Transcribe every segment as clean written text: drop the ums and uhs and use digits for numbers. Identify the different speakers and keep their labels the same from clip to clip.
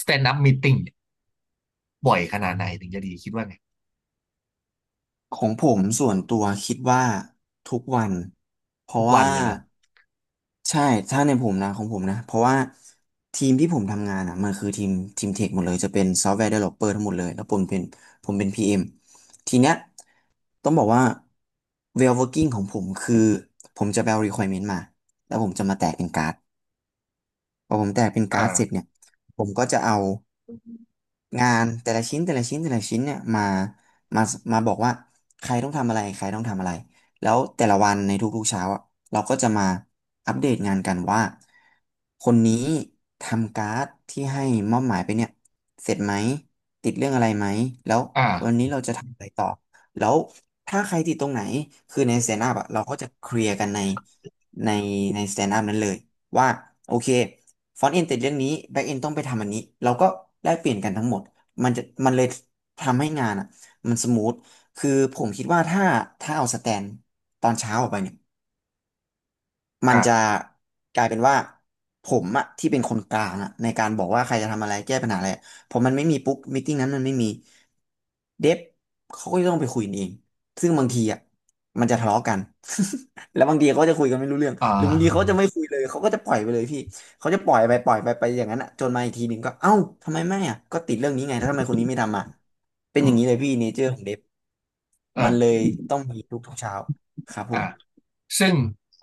Speaker 1: สแตนด์อัพมีตติ่งบ่อยขนาดไหนถึงจะดีคิดว่าไง
Speaker 2: ของผมส่วนตัวคิดว่าทุกวันเพ
Speaker 1: ทุ
Speaker 2: ราะ
Speaker 1: กวัน
Speaker 2: ว่า
Speaker 1: เลยเหรอ
Speaker 2: ใช่ถ้าในผมนะของผมนะเพราะว่าทีมที่ผมทำงานอ่ะมันคือทีมเทคหมดเลยจะเป็นซอฟต์แวร์ d ด v e l o p อ r ทั้งหมดเลยแล้วผมเป็น PM ทีเนี้ยต้องบอกว่า w e l working ของผมคือผมจะไปเอา requirement มาแล้วผมจะมาแตกเป็นการ์ดพอผมแตกเป็น
Speaker 1: อ่
Speaker 2: การ์ดเสร็จ
Speaker 1: า
Speaker 2: เนี่ยผมก็จะเอา งานแต่ละชิ้นแต่ละชิ้นแต่ละชิ้นเนี่ยมามาบอกว่าใครต้องทำอะไรใครต้องทำอะไรแล้วแต่ละวันในทุกๆเช้าอะเราก็จะมาอัปเดตงานกันว่าคนนี้ทำการ์ดที่ให้มอบหมายไปเนี่ยเสร็จไหมติดเรื่องอะไรไหมแล้ววัน
Speaker 1: อ่า
Speaker 2: นี้เราจะทำอะไรต่อแล้วถ้าใครติดตรงไหนคือในสแตนด์อัพอะเราก็จะเคลียร์กันในในสแตนด์อัพนั้นเลย ว่าโอเคฟอนต์เอนติดเรื่องนี้แบ็กเอนต้องไปทำอันนี้เราก็แลกเปลี่ยนกันทั้งหมดมันจะมันเลยทำให้งานอ่ะมันสมูทคือผมคิดว่าถ้าเอาสแตนตอนเช้าออกไปเนี่ย มันจะ
Speaker 1: อ่า
Speaker 2: กลายเป็นว่าผมอะที่เป็นคนกลางอะในการบอกว่าใครจะทำอะไรแก้ปัญหาอะไรพอมันไม่มีปุ๊บมีตติ้งนั้นมันไม่มีเดฟเขาก็จะต้องไปคุยกันเองซึ่งบางทีอะมันจะทะเลาะกัน แล้วบางทีเขาจะคุยกันไม่รู้เรื่อง
Speaker 1: อ่
Speaker 2: หรือบางทีเขา
Speaker 1: า
Speaker 2: จะไม่คุยเลยเขาก็จะปล่อยไปเลยพี่เขาจะปล่อยไปอย่างนั้นอะจนมาอีกทีหนึ่งก็เอ้าทำไมไม่อะก็ติดเรื่องนี้ไงแล้วทำไมคนนี้ไม่ทำอ่ะเป็น
Speaker 1: อื
Speaker 2: อย่า
Speaker 1: ม
Speaker 2: งนี้เลยพี่เนเจอร์ของเดฟ
Speaker 1: เอ
Speaker 2: มันเล
Speaker 1: อ
Speaker 2: ยต้องมีทุกเช้าครับผ
Speaker 1: อ่า
Speaker 2: ม
Speaker 1: ซึ่ง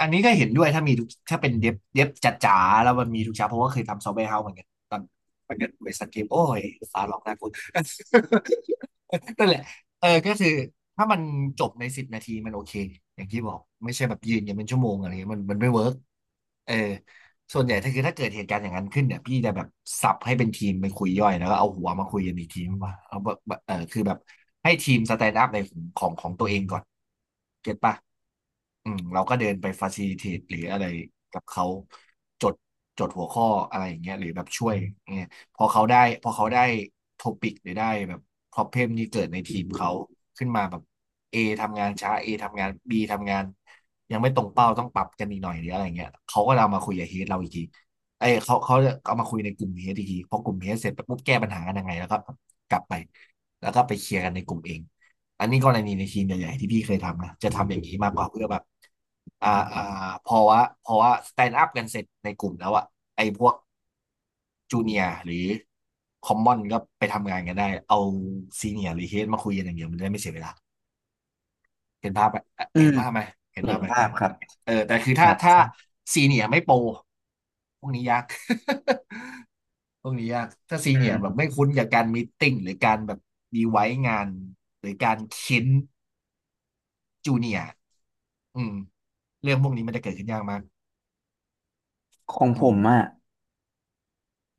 Speaker 1: อันนี้ก็เห็นด้วยถ้ามีทุกถ้าเป็นเดฟเดฟจ๋าๆแล้วมันมีทุกเช้าเพราะว่าเคยทำซอฟต์แวร์เฮาส์เหมือนกันตอนตอนเกิดบริษัทเกมโอ้ยฟ้าร้องน่ากลัว นั่นแหละเออก็คือถ้ามันจบในสิบนาทีมันโอเคอย่างที่บอกไม่ใช่แบบยืนกันเป็นชั่วโมงอะไรเงี้ยมันมันไม่เวิร์กเออ ส่วนใหญ่ถ้าคือถ้าเกิดเหตุการณ์อย่างนั้นขึ้นเนี่ยพี่จะแบบสับให้เป็นทีมไปคุยย่อยแล้วก็เอาหัวมาคุยกันอีกทีว่าเอาแบบเออคือแบบให้ทีมสแตนด์อัพในของของของตัวเองก่อนเก็ตปะอืมเราก็เดินไปฟาซิลิเทตหรืออะไรกับเขาจดจดหัวข้ออะไรอย่างเงี้ยหรือแบบช่วยอย่างเงี้ยพอเขาได้พอเขาได้โทปิกหรือได้แบบพรอเพมที่เกิดในทีมเขาขึ้นมาแบบ A ทำงานช้า A ทำงาน B ทำงาน ยังไม่ตรงเป้าต้องปรับกันอีกหน่อยหรืออะไรเงี้ยเขาก็เอามาคุยกับเฮดเราอีกทีไอ้ยเขาเขาจเอามาคุยในกลุ่มเฮดอีกทีพอกลุ่มเฮดเสร็จไปปุ๊บแก้ปัญหากันยังไงแล้วก็กลับไปแล้วก็ไปเคลียร์กันในกลุ่มเองอันนี้กรณีในทีมใหญ่ๆที่พี่เคยทำนะจะทำอย่างนี้มากกว่าเพื่อแบบอ่าอ่าพอว่าพอว่าสแตนด์อัพกันเสร็จในกลุ่มแล้วอะไอ้พวกจูเนียร์หรือคอมมอนก็ไปทำงานกันได้เอาซีเนียร์หรือเฮดมาคุยกันอย่างเดียวมันจะได้ไม่เสียเวลาเห็นภาพไหม
Speaker 2: อื
Speaker 1: เห็น
Speaker 2: ม
Speaker 1: ภาพไหมเห็น
Speaker 2: เห็
Speaker 1: ภา
Speaker 2: น
Speaker 1: พไหม
Speaker 2: ภาพครับ
Speaker 1: เออแต่คือ
Speaker 2: ค
Speaker 1: ถ้า
Speaker 2: รับข
Speaker 1: ถ้า
Speaker 2: อง
Speaker 1: ซีเนียไม่โปรพวกนี้ยาก พวกนี้ยากถ้าซี
Speaker 2: อื
Speaker 1: เนียแบบ
Speaker 2: ม
Speaker 1: ไม่คุ้นกับการมีตติ้งหรือการแบบดีไว้งานหรือการเค้นจูเนียอืมเรื่องพวกนี้มันจะเกิดขึ้นยากมาก
Speaker 2: ของ
Speaker 1: อื
Speaker 2: ผ
Speaker 1: ม
Speaker 2: มอะ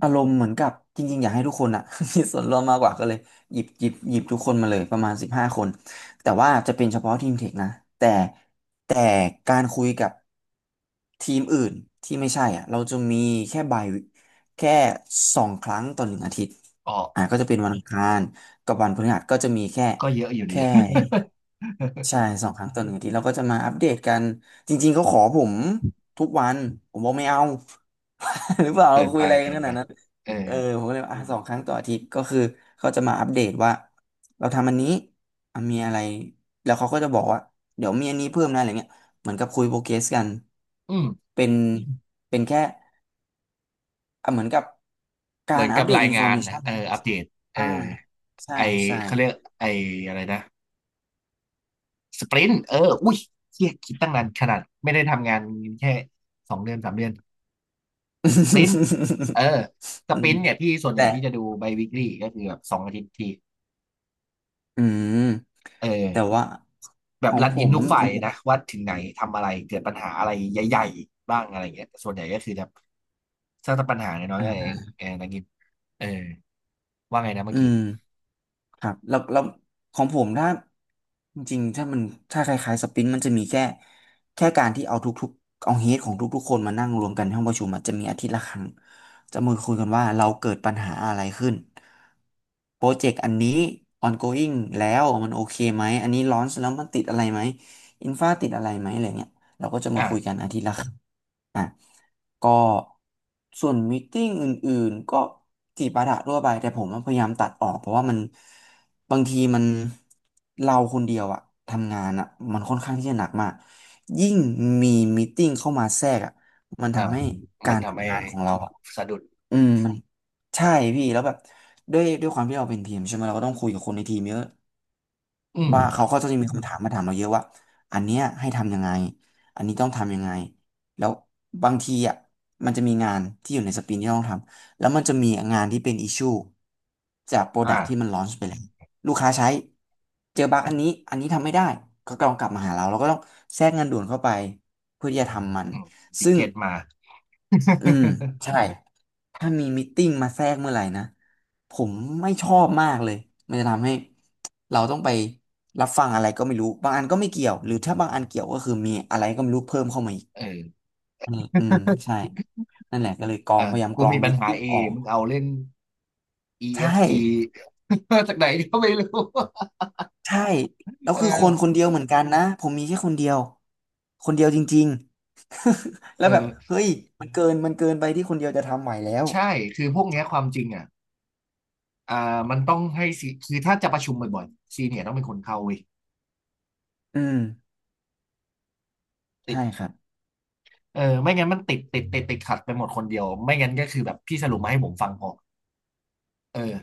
Speaker 2: อารมณ์เหมือนกับจริงๆอยากให้ทุกคนอะ มีส่วนร่วมมากกว่าก็เลยหยิบทุกคนมาเลยประมาณ15 คนแต่ว่าจะเป็นเฉพาะทีมเทคนะแต่แต่การคุยกับทีมอื่นที่ไม่ใช่อ่ะเราจะมีแค่ใบายแค่สองครั้งต่อหนึ่งอาทิตย์
Speaker 1: ออก
Speaker 2: อ่ะก็จะเป็นวันอังคารกับวันพฤหัสก็จะมีแค่
Speaker 1: ก็เยอะอยู่ดี
Speaker 2: แค่ ใช่ สองครั้งต่อหนึ่งอาทีเราก็จะมาอัปเดตกันจริงๆเขาขอผมทุกวันผมบอกไม่เอา หรือเปล่าเรา
Speaker 1: เกิน
Speaker 2: คุ
Speaker 1: ไป
Speaker 2: ยอะไรกั
Speaker 1: เกิ
Speaker 2: นข
Speaker 1: น
Speaker 2: นา
Speaker 1: ไป
Speaker 2: ดนั้น
Speaker 1: เออ
Speaker 2: เออผมก็เลยว่าอ่ะสองครั้งต่ออาทิตย์ก็คือเขาจะมาอัปเดตว่าเราทำอันนี้อ่ะมีอะไรแล้วเขาก็จะบอกว่าเดี๋ยวมีอันนี้เพิ่มนะอะไรเงี้ยเหมือนกับคุยโปรเกรสกัน
Speaker 1: อืม
Speaker 2: เป็นเป็นแค่อ่ะเหมือนกับกา
Speaker 1: เหมือ
Speaker 2: ร
Speaker 1: น
Speaker 2: อั
Speaker 1: กั
Speaker 2: ป
Speaker 1: บ
Speaker 2: เดต
Speaker 1: ราย
Speaker 2: อินฟ
Speaker 1: งา
Speaker 2: อร์
Speaker 1: น
Speaker 2: เม
Speaker 1: นะ
Speaker 2: ชัน
Speaker 1: เอออัปเดตเออ
Speaker 2: อ่าใช่
Speaker 1: ไอ
Speaker 2: ใช่
Speaker 1: เขาเรียกไออะไรนะสปรินต์เอออุ้ยเฮียคิดตั้งนานขนาดไม่ได้ทำงานแค่สองเดือนสามเดือน สปรินต์เออ ส
Speaker 2: อื
Speaker 1: ปริ
Speaker 2: ม
Speaker 1: นต์เนี่ยพี่ส่วนให
Speaker 2: แต่
Speaker 1: ญ่พี่จะดูไบวิกลี่ก็คือแบบสองอาทิตย์ที
Speaker 2: อืม
Speaker 1: เ
Speaker 2: แต่
Speaker 1: ออ
Speaker 2: ว่า
Speaker 1: แบ
Speaker 2: ข
Speaker 1: บ
Speaker 2: อง
Speaker 1: รัน
Speaker 2: ผ
Speaker 1: อิน
Speaker 2: ม
Speaker 1: ทุกฝ่า
Speaker 2: ข
Speaker 1: ย
Speaker 2: องผม
Speaker 1: นะว่าถึงไหนทำอะไรเกิดปัญหาอะไรใหญ่ๆบ้างอะไรเงี้ยแต่ส่วนใหญ่ก็คือแบบสร้างแต่ปัญหาน้อยๆ
Speaker 2: อ่
Speaker 1: นั่นเอ
Speaker 2: า
Speaker 1: งเออนักกินเออว่าไงนะเมื่
Speaker 2: อื
Speaker 1: อกี้
Speaker 2: มครับแล้วของผมถ้าจริงๆถ้ามันถ้าคล้ายๆสปรินต์มันจะมีแค่การที่เอาทุกๆเอาเฮดของทุกๆคนมานั่งรวมกันที่ห้องประชุมอะจะมีอาทิตย์ละครั้งจะมาคุยกันว่าเราเกิดปัญหาอะไรขึ้นโปรเจกต์อันนี้ ongoing แล้วมันโอเคไหมอันนี้ launch แล้วมันติดอะไรไหมอินฟาติดอะไรไหมอะไรเงี้ยเราก็จะมาคุย
Speaker 1: อ่า
Speaker 2: กันอาทิตย์ละครั้ง อ่ะก็ส่วนม e e t ิ n งอื่นๆก็จีบปาถะทั่วไปแต่ผมพยายามตัดออกเพราะว่ามันบางทีมันเราคนเดียวอะทำงานอะมันค่อนข้างที่จะหนักมากยิ่งมีม e e t ิ n งเข้ามาแทรกอะมัน
Speaker 1: อ่า
Speaker 2: ทำให้กา
Speaker 1: มัน
Speaker 2: ร
Speaker 1: ทำให้
Speaker 2: ทำงานของเราอะ
Speaker 1: สะดุด
Speaker 2: อืมมันใช่พี่แล้วแบบด้วยความที่เราเป็นทีมใช่ไหมเราก็ต้องคุยกับคนในทีมเยอะ
Speaker 1: อืม
Speaker 2: ว่าเขาก็จะมีคำถามมาถามเราเยอะว่าอันเนี้ยให้ทำยังไงอันนี้ต้องทำยังไงแล้วบางทีอ่ะมันจะมีงานที่อยู่ในสปรินที่ต้องทำแล้วมันจะมีงานที่เป็นอิชชูจากโปรดักที่มัน
Speaker 1: อ่า
Speaker 2: ลอนช์ไปแล้วลูกค้าใช้เจอบั๊กอันนี้อันนี้ทำไม่ได้ก็ต้องกลับมาหาเราเราก็ต้องแทรกงานด่วนเข้าไปเพื่อที่จะทำมัน
Speaker 1: อืมปิ
Speaker 2: ซึ่
Speaker 1: เก
Speaker 2: ง
Speaker 1: ตมา
Speaker 2: อืมใช่ถ้ามีมตติ팅มาแทรกเมื่อไหร่นะผมไม่ชอบมากเลยมันจะทำให้เราต้องไปรับฟังอะไรก็ไม่รู้บางอันก็ไม่เกี่ยวหรือถ้าบางอันเกี่ยวก็คือมีอะไรก็ไม่รู้เพิ่มเข้ามาอีก
Speaker 1: เออ
Speaker 2: อืมอืมใช่นั่นแหละก็เลยกรอ
Speaker 1: เออ
Speaker 2: งพยายาม
Speaker 1: กู
Speaker 2: กรอ
Speaker 1: มี
Speaker 2: ง
Speaker 1: ปั
Speaker 2: ม
Speaker 1: ญ
Speaker 2: ต
Speaker 1: หา
Speaker 2: ติ팅
Speaker 1: เอ
Speaker 2: ออก
Speaker 1: มึงเอาเล่น
Speaker 2: ใช่
Speaker 1: EFG จ จากไหนก็ไม่รู้
Speaker 2: ใช่แล้ว
Speaker 1: เอ
Speaker 2: คือคนค
Speaker 1: อ
Speaker 2: นเดียวเหมือนกันนะผมมีแค่คนเดียวคนเดียวจริงๆแล้
Speaker 1: เอ
Speaker 2: วแบบ
Speaker 1: อ
Speaker 2: เฮ้ยมันเกินไปที่คนเดียวจะทำไหวแล้ว
Speaker 1: ใช่คือพวกเนี้ยความจริงอ่ะอ่ามันต้องให้ซีคือถ้าจะประชุมบ่อยๆซีเนียร์ต้องเป็นคนเข้าเว้ย
Speaker 2: อืม
Speaker 1: ติ
Speaker 2: ใช่
Speaker 1: ด
Speaker 2: ครับ
Speaker 1: เออไม่งั้นมันติดติดติดติดขัดไปหมดคนเดียวไม่งั้นก็คือแบบพี่สรุปมาให้ผมฟังพอเออ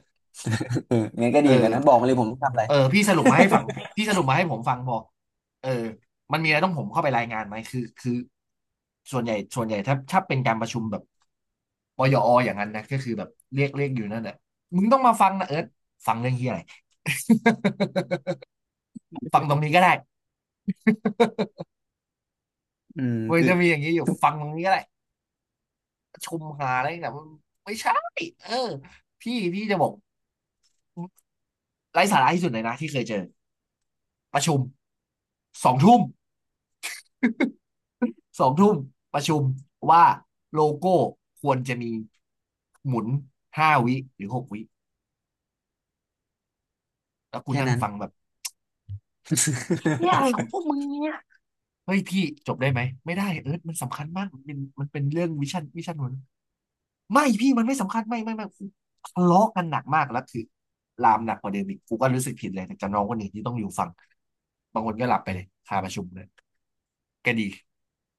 Speaker 2: เอองั้นก็
Speaker 1: เออ
Speaker 2: ดีเหมือนกันนะ บอกมาเลยผมต้องทำอะไร
Speaker 1: เออพี่สรุปมาให้ฟังพี่สรุปมาให้ผมฟังพอเออมันมีอะไรต้องผมเข้าไปรายงานไหม คือคือส่วนใหญ่ส่วนใหญ่ถ้าถ้าเป็นการประชุมแบบปยออย่างนั้นนะก็คือแบบเรียกเรียกอยู่นั่นแหละมึงต้องมาฟังนะเอิร์ธฟังเรื่องที่อะไร ฟังตรงนี้ก็ได้
Speaker 2: อืม
Speaker 1: มัน
Speaker 2: คือ
Speaker 1: จะมีอย่างนี้อยู่ฟังตรงนี้ก็ได้ชมหาอะไรแต่มันไม่ใช่เออพี่พี่จะบอกไร้สาระที่สุดเลยนะที่เคยเจอประชุมสองทุ่มสองทุ่มประชุมว่าโลโก้ควรจะมีหมุนห้าวิหรือหกวิแล้วคุณ
Speaker 2: แค่
Speaker 1: นั่ง
Speaker 2: นั้น
Speaker 1: ฟังแบบเนี่ยอะไรของพวกมึงเนี่ยเฮ้ยพี่จบได้ไหมไม่ได้เอร์ธมันสำคัญมากมันเป็นมันเป็นเรื่องวิชั่นวิชั่นหัว ไม่พี่มันไม่สำคัญไม่ไม่ไม่กูทะเลาะกันหนักมากแล้วคือลามหนักกว่าเดิมอีกกูก็รู้สึกผิดเลยแต่กับน้องคนอื่นที่ต้องอยู่ฟังบางคนก็หลับไปเลยคาประชุมเลยก็ดี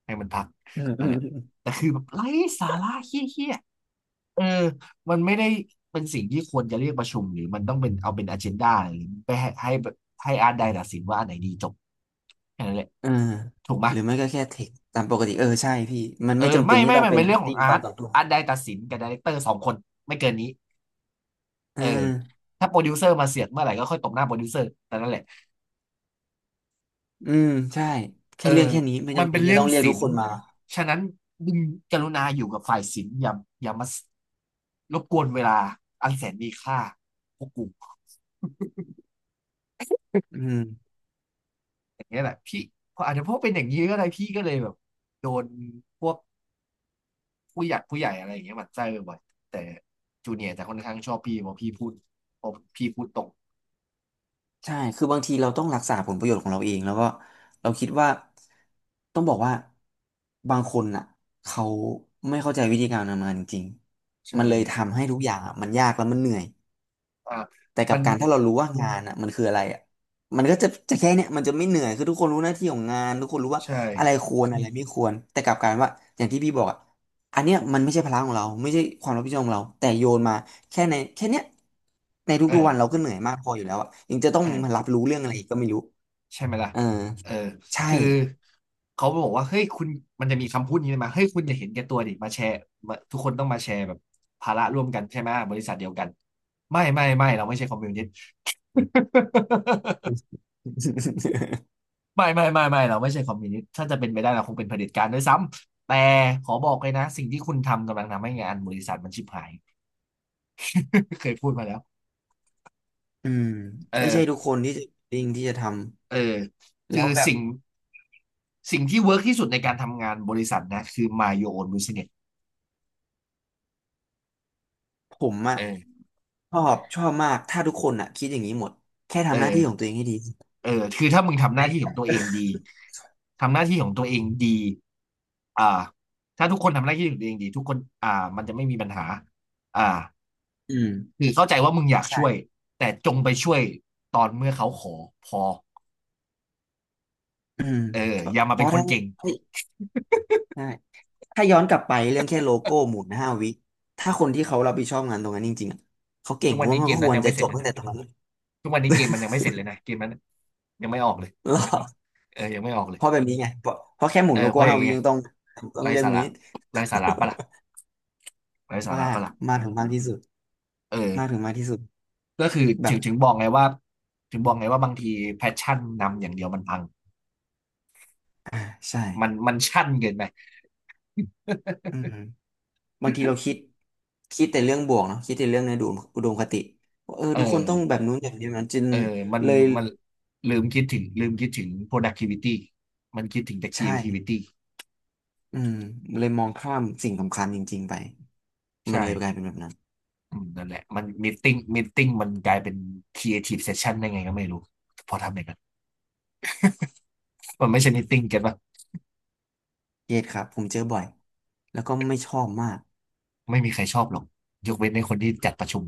Speaker 1: ให้มันพัก
Speaker 2: อืมอื
Speaker 1: นั่น
Speaker 2: ม
Speaker 1: แหละ
Speaker 2: อืม
Speaker 1: แต่คือแบบไร้สาระเฮี้ยๆเออมันไม่ได้เป็นสิ่งที่ควรจะเรียกประชุมหรือมันต้องเป็นเอาเป็นอเจนดาหรือไปให้ให้ให้อาร์ตไดตัดสินว่าอันไหนดีจบแค่นั้นแหละ
Speaker 2: เออ
Speaker 1: ถูกไหม
Speaker 2: ห
Speaker 1: ย
Speaker 2: รือไม่ก็แค่เทคตามปกติ เออ ใช่พี่ มัน
Speaker 1: เออ
Speaker 2: ไม่จำเป็
Speaker 1: ไม่
Speaker 2: นที่
Speaker 1: ไม่
Speaker 2: ต้อง
Speaker 1: ไม่
Speaker 2: เป็น
Speaker 1: เป็นเรื่องของ
Speaker 2: ติ้ง
Speaker 1: อา
Speaker 2: ตอ
Speaker 1: ร์
Speaker 2: น
Speaker 1: ต
Speaker 2: ต่อตัว
Speaker 1: อาร์ตไดตัดสินกับไดเรคเตอร์สองคนไม่เกินนี้
Speaker 2: อื
Speaker 1: เออ
Speaker 2: ม
Speaker 1: ถ้าโปรดิวเซอร์มาเสียดเมื่อไหร่ก็ค่อยตบหน้าโปรดิวเซอร์แต่นั่นแหละ
Speaker 2: อืมใช่
Speaker 1: เอ
Speaker 2: แค่
Speaker 1: อ
Speaker 2: เรื่องแค่นี้ไม่
Speaker 1: มัน
Speaker 2: จำเป็
Speaker 1: เป็
Speaker 2: น
Speaker 1: น
Speaker 2: ที่
Speaker 1: เรื่อ
Speaker 2: ต้
Speaker 1: ง
Speaker 2: องเรียก
Speaker 1: ศิ
Speaker 2: ทุก
Speaker 1: ล
Speaker 2: ค
Speaker 1: ป์
Speaker 2: นมา
Speaker 1: ฉะนั้นมึงกรุณาอยู่กับฝ่ายศิลป์อย่ามารบกวนเวลาอันแสนมีค่าพวกกู
Speaker 2: อืม
Speaker 1: อย่างเงี้ยแหละพี่พออาจจะเพราะเป็นอย่างนี้ก็ได้พี่ก็เลยแบบโดนพวกผู้ใหญ่อะไรอย่างเงี้ยหมั่นไส้บ่อยๆแต่จูเนียร์จะค่อนข้างชอบพี่เพราะพี่พูดตรง
Speaker 2: ใช่คือบางทีเราต้องรักษาผลประโยชน์ของเราเอง แล้วก็เราคิดว่าต้องบอกว่าบางคนน่ะเขาไม่เข้าใจวิธีการทำงานจริงๆ
Speaker 1: ใช่
Speaker 2: มันเลยทำให้ทุกอย่างอะมันยากแล้วมันเหนื่อย
Speaker 1: อ่า
Speaker 2: แต่กั
Speaker 1: มั
Speaker 2: บ
Speaker 1: น
Speaker 2: การถ้าเรารู้ว่างานอ่ะมันคืออะไรอ่ะมันก็จะแค่เนี้ยมันจะไม่เหนื่อยคือทุกคนรู้หน้าที่ของงานทุกคนรู้ว่า
Speaker 1: ใช่
Speaker 2: อะไรควรอะไรไม่ควรแต่กลับกลารว่าอย่างที่พี่บอกอ่ะอันเนี้ยมันไม่ใช่ภาระของเราไม่ใช่ความรับผิดชอบของเราแต่โยนมาแค่ในแค่เนี้ยใน
Speaker 1: เอ
Speaker 2: ทุกๆวันเราก็
Speaker 1: อ
Speaker 2: เหนื่อยมากพออยู่แล้วอ่ะยังจะต้องมา
Speaker 1: เออ
Speaker 2: รับรู้เรื่องอะไรอีกก็ไม่รู้
Speaker 1: ใช่ไหมล่ะ
Speaker 2: เออ
Speaker 1: เออ
Speaker 2: ใช่
Speaker 1: คือเขาบอกว่าเฮ้ยคุณมันจะมีคำพูดนี้มาเฮ้ยคุณอย่าเห็นแก่ตัวดิมาแชร์มาทุกคนต้องมาแชร์แบบภาระร่วมกันใช่ไหมบริษัทเดียวกันไม่เราไม่ใช่คอมมิวนิสต์ ไม่เราไม่ใช่คอมมิวนิสต์ถ้าจะเป็นไปได้เราคงเป็นเผด็จการด้วยซ้ำแต่ขอบอกเลยนะ สิ่งที่คุณทำกำลังทำให้งานบริษัทมันชิบหาย เคยพูดมาแล้ว
Speaker 2: อืม
Speaker 1: เอ
Speaker 2: ไม่ใช่
Speaker 1: อ
Speaker 2: ทุกคนที่จะจริงที่จะท
Speaker 1: เออ
Speaker 2: ำ
Speaker 1: คือ
Speaker 2: แล้วแบบ
Speaker 1: สิ่งที่เวิร์กที่สุดในการทำงานบริษัทนะคือ mind your own business
Speaker 2: ผมอะ
Speaker 1: เออ
Speaker 2: ชอบมากถ้าทุกคนอะคิดอย่างนี้หมดแค่
Speaker 1: เอ
Speaker 2: ทำหน้าที่ของ
Speaker 1: อ
Speaker 2: ตัวเองให้ดี
Speaker 1: เออคือถ้ามึงทำหน้าที่ของตัวเองดีทำหน้าที่ของตัวเองดีอ่าถ้าทุกคนทำหน้าที่ของตัวเองดีทุกคนมันจะไม่มีปัญหาอ่า
Speaker 2: อืม
Speaker 1: คือเข้าใจว่ามึงอยากช่วย
Speaker 2: ใช่
Speaker 1: แต่จงไปช่วยตอนเมื่อเขาขอพอ
Speaker 2: อืม
Speaker 1: เออ
Speaker 2: เพ
Speaker 1: อ
Speaker 2: ราะ
Speaker 1: ย่ามาเป็นคน
Speaker 2: ถ้า
Speaker 1: เก่ง
Speaker 2: เฮ้ยได้ถ้าย้อนกลับไปเรื่องแค่โลโก้หมุนห้าวิถ้าคนที่เขารับผิดชอบงานตรงนั้นจริงๆอะเขาเก่ง
Speaker 1: ทุก
Speaker 2: ผ
Speaker 1: วัน
Speaker 2: ม
Speaker 1: นี้
Speaker 2: ว่ามั
Speaker 1: เก
Speaker 2: น
Speaker 1: ม
Speaker 2: ก็ค
Speaker 1: นั้น
Speaker 2: วร
Speaker 1: ยัง
Speaker 2: จะ
Speaker 1: ไม่เส
Speaker 2: จ
Speaker 1: ร็จ
Speaker 2: บ
Speaker 1: เลย
Speaker 2: ตั้ง
Speaker 1: นะ
Speaker 2: แต่ตรงนั้น
Speaker 1: ทุกวันนี้เกมมันยังไม่เสร็จเลยนะเกมนั้นยังไม่ออกเลย
Speaker 2: แล้ว
Speaker 1: เออยังไม่ออกเล
Speaker 2: เพ
Speaker 1: ย
Speaker 2: ราะแบบนี้ไงเพราะเพราะแค่หมุ
Speaker 1: เอ
Speaker 2: น
Speaker 1: อ
Speaker 2: โล
Speaker 1: เพ
Speaker 2: โก้
Speaker 1: ราะอ
Speaker 2: ห้า
Speaker 1: ย่าง
Speaker 2: วิ
Speaker 1: เงี้ย
Speaker 2: ยังต้อง
Speaker 1: ไร้
Speaker 2: เรื่อง
Speaker 1: สาระ
Speaker 2: มีด
Speaker 1: ไร้สาระปะล่ะไร้สาระ
Speaker 2: มาก
Speaker 1: ปะล่ะ
Speaker 2: มากถึงมากที่สุด
Speaker 1: เอ
Speaker 2: มากถึ
Speaker 1: อ
Speaker 2: งมากที่สุด
Speaker 1: ก็คือถึ
Speaker 2: แบบ
Speaker 1: งถึงบอกไงว่าถึงบอกไงว่าบางทีแพชชั่นนำอย่างเดียวมันพัง
Speaker 2: อ่าใช่
Speaker 1: มันมันชั่นเกินไป
Speaker 2: อืม บางทีเราคิดคิดแต่เรื่องบวกเนาะคิดแต่เรื่องในอุดมคติว่าเออ
Speaker 1: เออ
Speaker 2: ทุกคนต้องแบบนู้นแบบนี้นะจึง
Speaker 1: เออมัน
Speaker 2: เลย
Speaker 1: มันลืมคิดถึง productivity มันคิดถึงแต่
Speaker 2: ใช่
Speaker 1: creativity
Speaker 2: อืมเลยมองข้ามสิ่งสำคัญจริงๆไปมัน
Speaker 1: ใช่
Speaker 2: เลยกลายเป็นแบบนั้น
Speaker 1: อืมนั่นแหละมันมีติ้งมันกลายเป็น creative session ได้ไงก็ไม่รู้พอทำอย่างนั้นมันไม่
Speaker 2: อื
Speaker 1: ใช่มีติ้ง
Speaker 2: ม
Speaker 1: เก็ตป่ะ
Speaker 2: เครียดครับผมเจอบ่อยแล้วก็ไม่ชอบมาก
Speaker 1: ไม่มีใครชอบหรอกยกเว้นในคนที่จัดประชุม